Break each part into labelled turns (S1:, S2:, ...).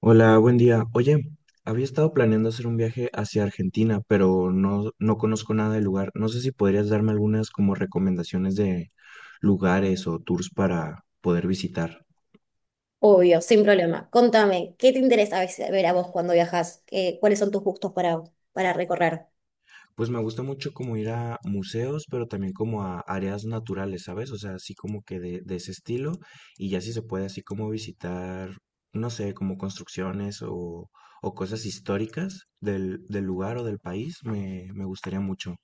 S1: Hola, buen día. Oye, había estado planeando hacer un viaje hacia Argentina, pero no conozco nada del lugar. No sé si podrías darme algunas como recomendaciones de lugares o tours para poder visitar.
S2: Obvio, sin problema. Contame, ¿qué te interesa a veces ver a vos cuando viajas? ¿ Cuáles son tus gustos para recorrer?
S1: Pues me gusta mucho como ir a museos, pero también como a áreas naturales, ¿sabes? O sea, así como que de ese estilo. Y ya si se puede así como visitar, no sé, como construcciones o cosas históricas del lugar o del país, me gustaría mucho.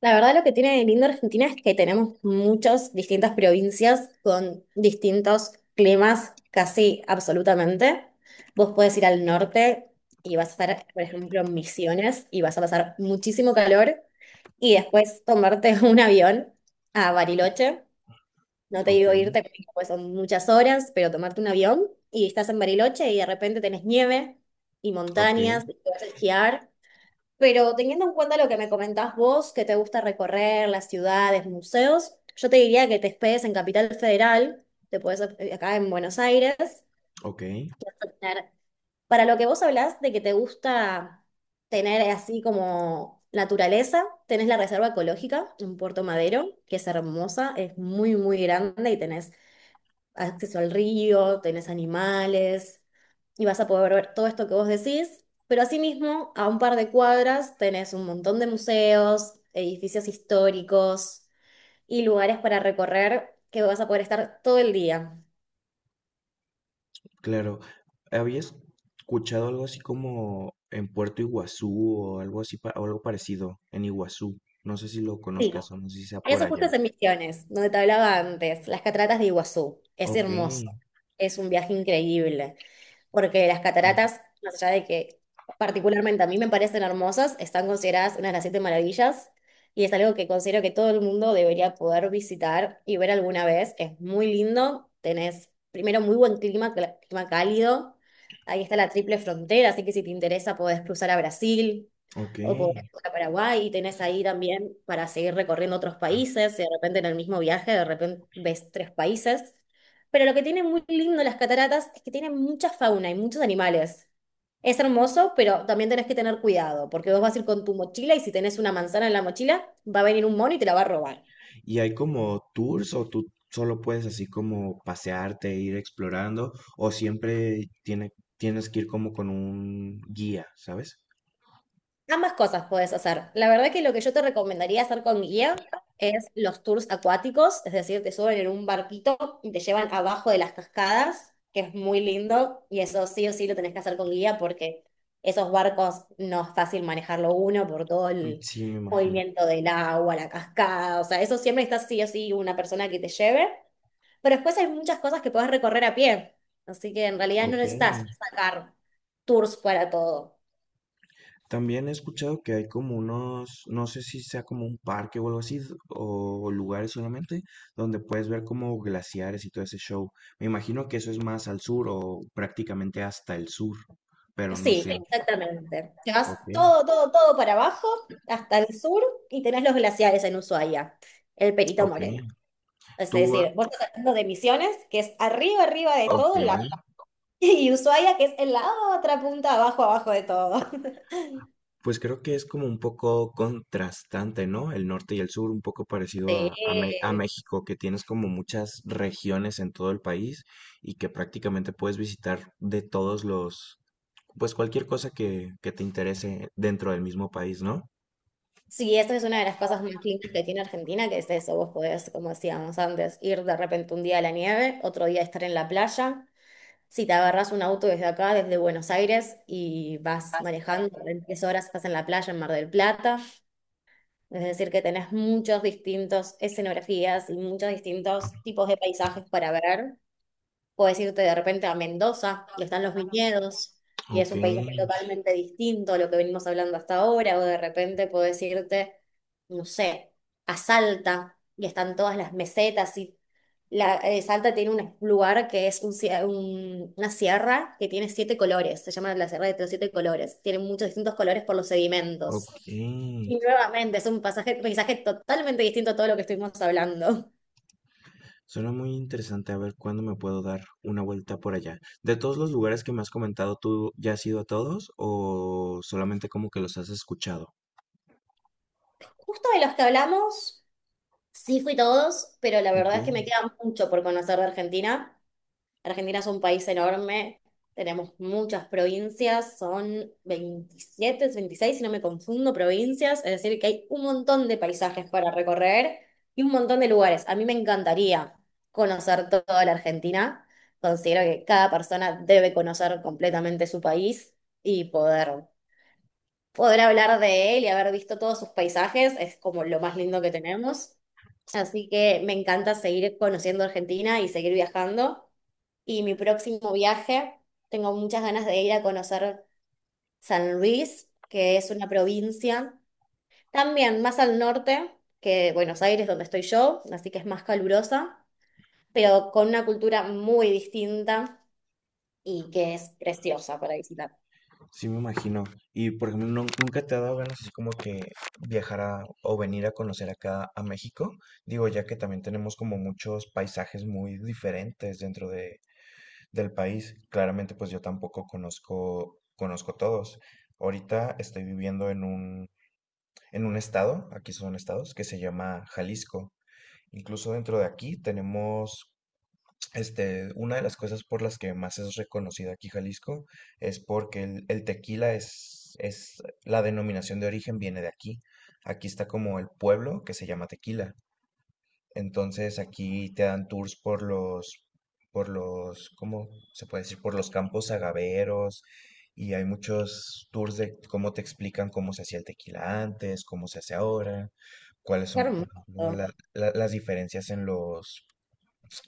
S2: La verdad, lo que tiene de lindo Argentina es que tenemos muchas distintas provincias con distintos climas casi absolutamente. Vos podés ir al norte y vas a estar, por ejemplo, en Misiones y vas a pasar muchísimo calor y después tomarte un avión a Bariloche. No te
S1: Ok,
S2: digo irte, porque pues son muchas horas, pero tomarte un avión y estás en Bariloche y de repente tenés nieve y
S1: ok.
S2: montañas, y te vas a esquiar. Pero teniendo en cuenta lo que me comentás vos, que te gusta recorrer las ciudades, museos, yo te diría que te hospedes en Capital Federal, te puedes acá en Buenos Aires, que
S1: Ok,
S2: vas a tener- Para lo que vos hablás de que te gusta tener así como naturaleza, tenés la Reserva Ecológica en Puerto Madero, que es hermosa, es muy, muy grande y tenés acceso al río, tenés animales y vas a poder ver todo esto que vos decís, pero asimismo, a un par de cuadras tenés un montón de museos, edificios históricos y lugares para recorrer que vas a poder estar todo el día.
S1: claro. ¿Habías escuchado algo así como en Puerto Iguazú o algo así o algo parecido en Iguazú? No sé si lo
S2: Sí.
S1: conozcas o no sé si sea por
S2: Eso justo
S1: allá.
S2: es en Misiones, donde te hablaba antes, las cataratas de Iguazú. Es
S1: Ok,
S2: hermoso, es un viaje increíble, porque las cataratas, más allá de que particularmente a mí me parecen hermosas, están consideradas una de las siete maravillas y es algo que considero que todo el mundo debería poder visitar y ver alguna vez. Es muy lindo, tenés primero muy buen clima, clima cálido, ahí está la triple frontera, así que si te interesa podés cruzar a Brasil
S1: ok.
S2: o podés cruzar a Paraguay y tenés ahí también para seguir recorriendo otros países, y de repente en el mismo viaje, de repente ves tres países. Pero lo que tiene muy lindo las cataratas es que tienen mucha fauna y muchos animales. Es hermoso, pero también tenés que tener cuidado, porque vos vas a ir con tu mochila y si tenés una manzana en la mochila, va a venir un mono y te la va a robar.
S1: ¿Y hay como tours o tú solo puedes así como pasearte e ir explorando, o siempre tienes que ir como con un guía, ¿sabes?
S2: Ambas cosas puedes hacer. La verdad que lo que yo te recomendaría hacer con guía es los tours acuáticos, es decir, te suben en un barquito y te llevan abajo de las cascadas, que es muy lindo, y eso sí o sí lo tenés que hacer con guía porque esos barcos no es fácil manejarlo uno por todo
S1: Mm,
S2: el
S1: sí, me imagino.
S2: movimiento del agua, la cascada, o sea, eso siempre está sí o sí una persona que te lleve, pero después hay muchas cosas que podés recorrer a pie, así que en realidad no
S1: Ok.
S2: necesitas sacar tours para todo.
S1: También he escuchado que hay como unos, no sé si sea como un parque o algo así, o lugares solamente, donde puedes ver como glaciares y todo ese show. Me imagino que eso es más al sur o prácticamente hasta el sur, pero no
S2: Sí,
S1: sé.
S2: exactamente. Te vas
S1: Ok,
S2: todo, todo, todo para abajo, hasta el sur, y tenés los glaciares en Ushuaia, el Perito
S1: ok.
S2: Moreno. Es
S1: Tú, ah,
S2: decir, vos estás hablando de Misiones, que es arriba, arriba de
S1: ok.
S2: todo, en la... y Ushuaia, que es en la otra punta, abajo, abajo de todo.
S1: Pues creo que es como un poco contrastante, ¿no? El norte y el sur, un poco parecido a
S2: Sí,
S1: México, que tienes como muchas regiones en todo el país y que prácticamente puedes visitar de todos los... Pues cualquier cosa que te interese dentro del mismo país, ¿no?
S2: sí, eso es una de las cosas más lindas que tiene Argentina, que es eso, vos podés, como decíamos antes, ir de repente un día a la nieve, otro día estar en la playa. Si te agarras un auto desde acá, desde Buenos Aires, y vas manejando, en 3 horas estás en la playa en Mar del Plata, es decir, que tenés muchos distintos escenografías y muchos distintos tipos de paisajes para ver. Puedes irte de repente a Mendoza, donde están los viñedos, y es
S1: Ok.
S2: un paisaje totalmente distinto a lo que venimos hablando hasta ahora, o de repente podés irte, no sé, a Salta, y están todas las mesetas, y la, Salta tiene un lugar que es un, una sierra que tiene siete colores, se llama la Sierra de los Siete Colores, tiene muchos distintos colores por los
S1: Por supuesto.
S2: sedimentos. Y
S1: Ok.
S2: nuevamente es un paisaje totalmente distinto a todo lo que estuvimos hablando.
S1: Suena muy interesante, a ver cuándo me puedo dar una vuelta por allá. De todos los lugares que me has comentado, ¿tú ya has ido a todos o solamente como que los has escuchado?
S2: Justo de los que hablamos. Sí, fui todos, pero la
S1: Ok,
S2: verdad es que me queda mucho por conocer de Argentina. Argentina es un país enorme, tenemos muchas provincias, son 27, 26 si no me confundo, provincias, es decir, que hay un montón de paisajes para recorrer y un montón de lugares. A mí me encantaría conocer toda la Argentina. Considero que cada persona debe conocer completamente su país y poder poder hablar de él y haber visto todos sus paisajes es como lo más lindo que tenemos. Así que me encanta seguir conociendo Argentina y seguir viajando. Y mi próximo viaje, tengo muchas ganas de ir a conocer San Luis, que es una provincia también más al norte que Buenos Aires, donde estoy yo, así que es más calurosa, pero con una cultura muy distinta y que es preciosa para visitar.
S1: sí, me imagino. Y por ejemplo, ¿nunca te ha dado ganas así como que viajar o venir a conocer acá a México? Digo, ya que también tenemos como muchos paisajes muy diferentes dentro de del país. Claramente, pues yo tampoco conozco, conozco todos. Ahorita estoy viviendo en un estado, aquí son estados, que se llama Jalisco. Incluso dentro de aquí tenemos, este, una de las cosas por las que más es reconocida aquí Jalisco es porque el tequila es, la denominación de origen viene de aquí. Aquí está como el pueblo que se llama Tequila. Entonces aquí te dan por los, ¿cómo se puede decir? Por los campos agaveros, y hay muchos tours de cómo te explican cómo se hacía el tequila antes, cómo se hace ahora, cuáles
S2: Qué
S1: son, por ejemplo,
S2: hermoso,
S1: las diferencias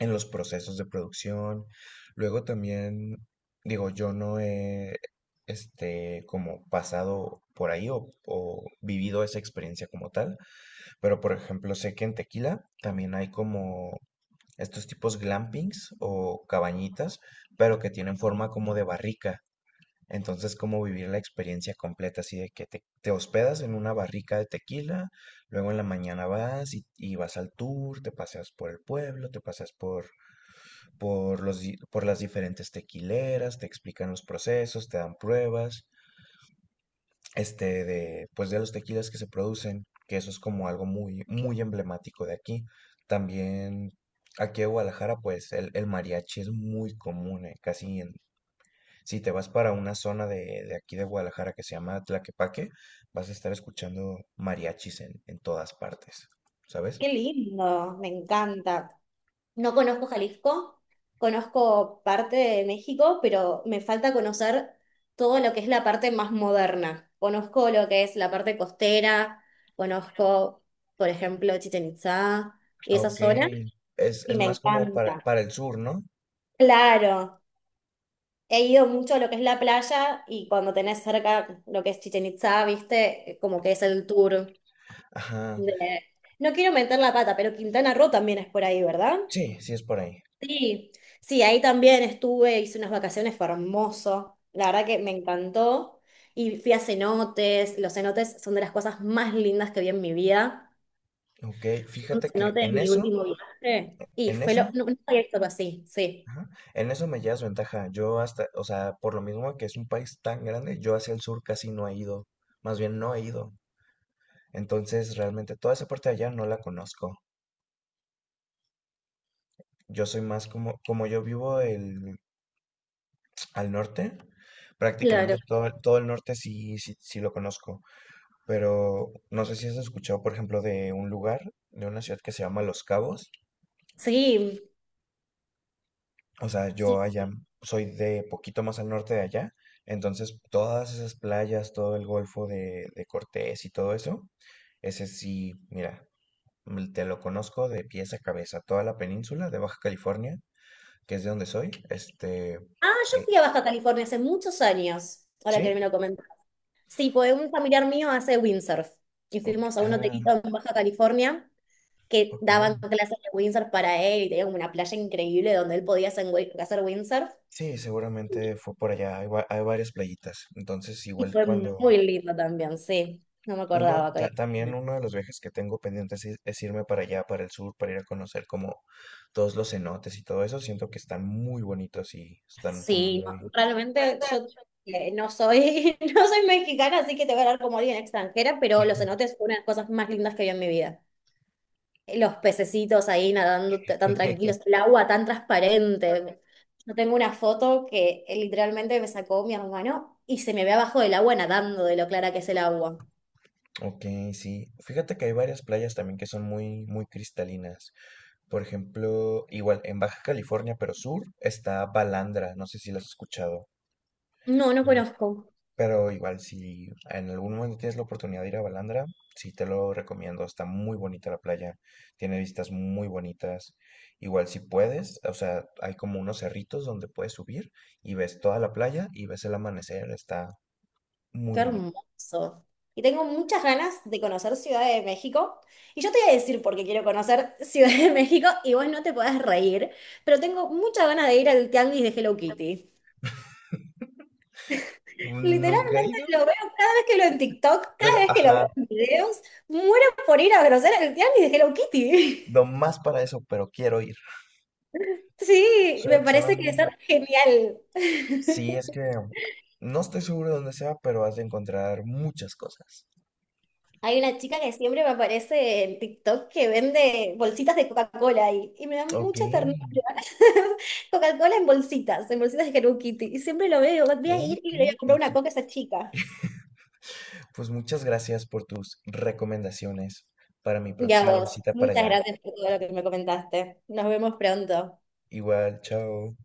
S1: en los procesos de producción. Luego también, digo, yo no he, este, como pasado por ahí o vivido esa experiencia como tal, pero por ejemplo, sé que en Tequila también hay como estos tipos glampings o cabañitas, pero que tienen forma como de barrica. Entonces, como vivir la experiencia completa, así de que te hospedas en una barrica de tequila, luego en la mañana vas y vas al tour, te paseas por el pueblo, te paseas por las diferentes tequileras, te explican los procesos, te dan pruebas, este, de, pues de los tequilas que se producen, que eso es como algo muy, muy emblemático de aquí. También aquí en Guadalajara, pues el mariachi es muy común, casi en, si te vas para una zona de aquí de Guadalajara que se llama Tlaquepaque, vas a estar escuchando mariachis en todas partes, ¿sabes?
S2: qué lindo, me encanta. No conozco Jalisco, conozco parte de México, pero me falta conocer todo lo que es la parte más moderna. Conozco lo que es la parte costera, conozco, por ejemplo, Chichén Itzá y esa
S1: Ok,
S2: zona, y
S1: es
S2: me
S1: más como
S2: encanta.
S1: para el sur, ¿no?
S2: Claro, he ido mucho a lo que es la playa y cuando tenés cerca lo que es Chichén Itzá, viste, como que es el tour
S1: Ajá,
S2: de... No quiero meter la pata, pero Quintana Roo también es por ahí, ¿verdad?
S1: sí, sí es por ahí.
S2: Sí, sí, ahí también estuve, hice unas vacaciones, fue hermoso. La verdad que me encantó. Y fui a cenotes. Los cenotes son de las cosas más lindas que vi en mi vida.
S1: Ok,
S2: Fui a un
S1: fíjate que
S2: cenote de
S1: en
S2: mi
S1: eso,
S2: último viaje. Y
S1: en
S2: fue lo.
S1: eso
S2: No, nunca había visto algo así, sí.
S1: Ajá. En eso me llevas ventaja. Yo hasta, o sea, por lo mismo que es un país tan grande, yo hacia el sur casi no he ido. Más bien no he ido. Entonces, realmente toda esa parte de allá no la conozco. Yo soy más como, como yo vivo el, al norte, prácticamente
S2: Claro.
S1: todo, todo el norte sí, sí, sí lo conozco. Pero no sé si has escuchado, por ejemplo, de una ciudad que se llama Los Cabos.
S2: Sí,
S1: O sea, yo
S2: sí.
S1: allá soy de poquito más al norte de allá, entonces todas esas playas, todo el Golfo de Cortés y todo eso, ese sí, mira, mm, te lo conozco de pies a cabeza, toda la península de Baja California, que es de donde soy, este,
S2: Ah, yo
S1: eh,
S2: fui a Baja California hace muchos años, ahora que
S1: ¿sí?
S2: me lo comentas. Sí, pues un familiar mío hace windsurf. Y
S1: Ok,
S2: fuimos a un
S1: ah,
S2: hotelito en Baja California que
S1: ok,
S2: daban clases de windsurf para él y tenía como una playa increíble donde él podía hacer, hacer windsurf.
S1: sí, seguramente fue por allá, hay, hay varias playitas, entonces
S2: Y
S1: igual
S2: fue
S1: cuando...
S2: muy lindo también, sí. No me
S1: Uno,
S2: acordaba que...
S1: también uno de los viajes que tengo pendientes es irme para allá, para el sur, para ir a conocer como todos los cenotes y todo eso. Siento que están muy bonitos y están como
S2: Sí, no,
S1: muy...
S2: realmente yo no soy, no soy mexicana, así que te voy a hablar como alguien extranjera, pero los cenotes fue una de las cosas más lindas que vi en mi vida. Los pececitos ahí nadando tan tranquilos, el agua tan transparente. Yo tengo una foto que literalmente me sacó mi hermano y se me ve abajo del agua nadando de lo clara que es el agua.
S1: Ok, sí. Fíjate que hay varias playas también que son muy, muy cristalinas. Por ejemplo, igual en Baja California, pero sur, está Balandra. No sé si las has escuchado.
S2: No, no conozco.
S1: Pero igual, si en algún momento tienes la oportunidad de ir a Balandra, sí te lo recomiendo. Está muy bonita la playa, tiene vistas muy bonitas. Igual, si puedes, o sea, hay como unos cerritos donde puedes subir y ves toda la playa y ves el amanecer. Está muy
S2: Qué
S1: bonito.
S2: hermoso. Y tengo muchas ganas de conocer Ciudad de México. Y yo te voy a decir por qué quiero conocer Ciudad de México y vos no te podés reír, pero tengo muchas ganas de ir al tianguis de Hello Kitty.
S1: Nunca he
S2: Literalmente
S1: ido,
S2: lo veo cada vez que lo en TikTok,
S1: pero
S2: cada vez que lo
S1: ajá,
S2: veo en videos, muero por ir a conocer el tianguis de Hello Kitty.
S1: no más para eso, pero quiero ir.
S2: Sí,
S1: Suena,
S2: me
S1: suena
S2: parece que
S1: muy...
S2: es genial.
S1: Sí, es que no estoy seguro de dónde sea, pero has de encontrar muchas cosas.
S2: Hay una chica que siempre me aparece en TikTok que vende bolsitas de Coca-Cola ahí, y me da
S1: Ok,
S2: mucha ternura. Coca-Cola en bolsitas de Hello Kitty. Y siempre lo veo, voy a ir y le voy a
S1: ok.
S2: comprar
S1: ¿Y
S2: una
S1: tú?
S2: coca a esa chica.
S1: Pues muchas gracias por tus recomendaciones para mi
S2: Y a
S1: próxima
S2: vos,
S1: visita para
S2: muchas
S1: allá.
S2: gracias por todo lo que me comentaste. Nos vemos pronto.
S1: Igual, chao.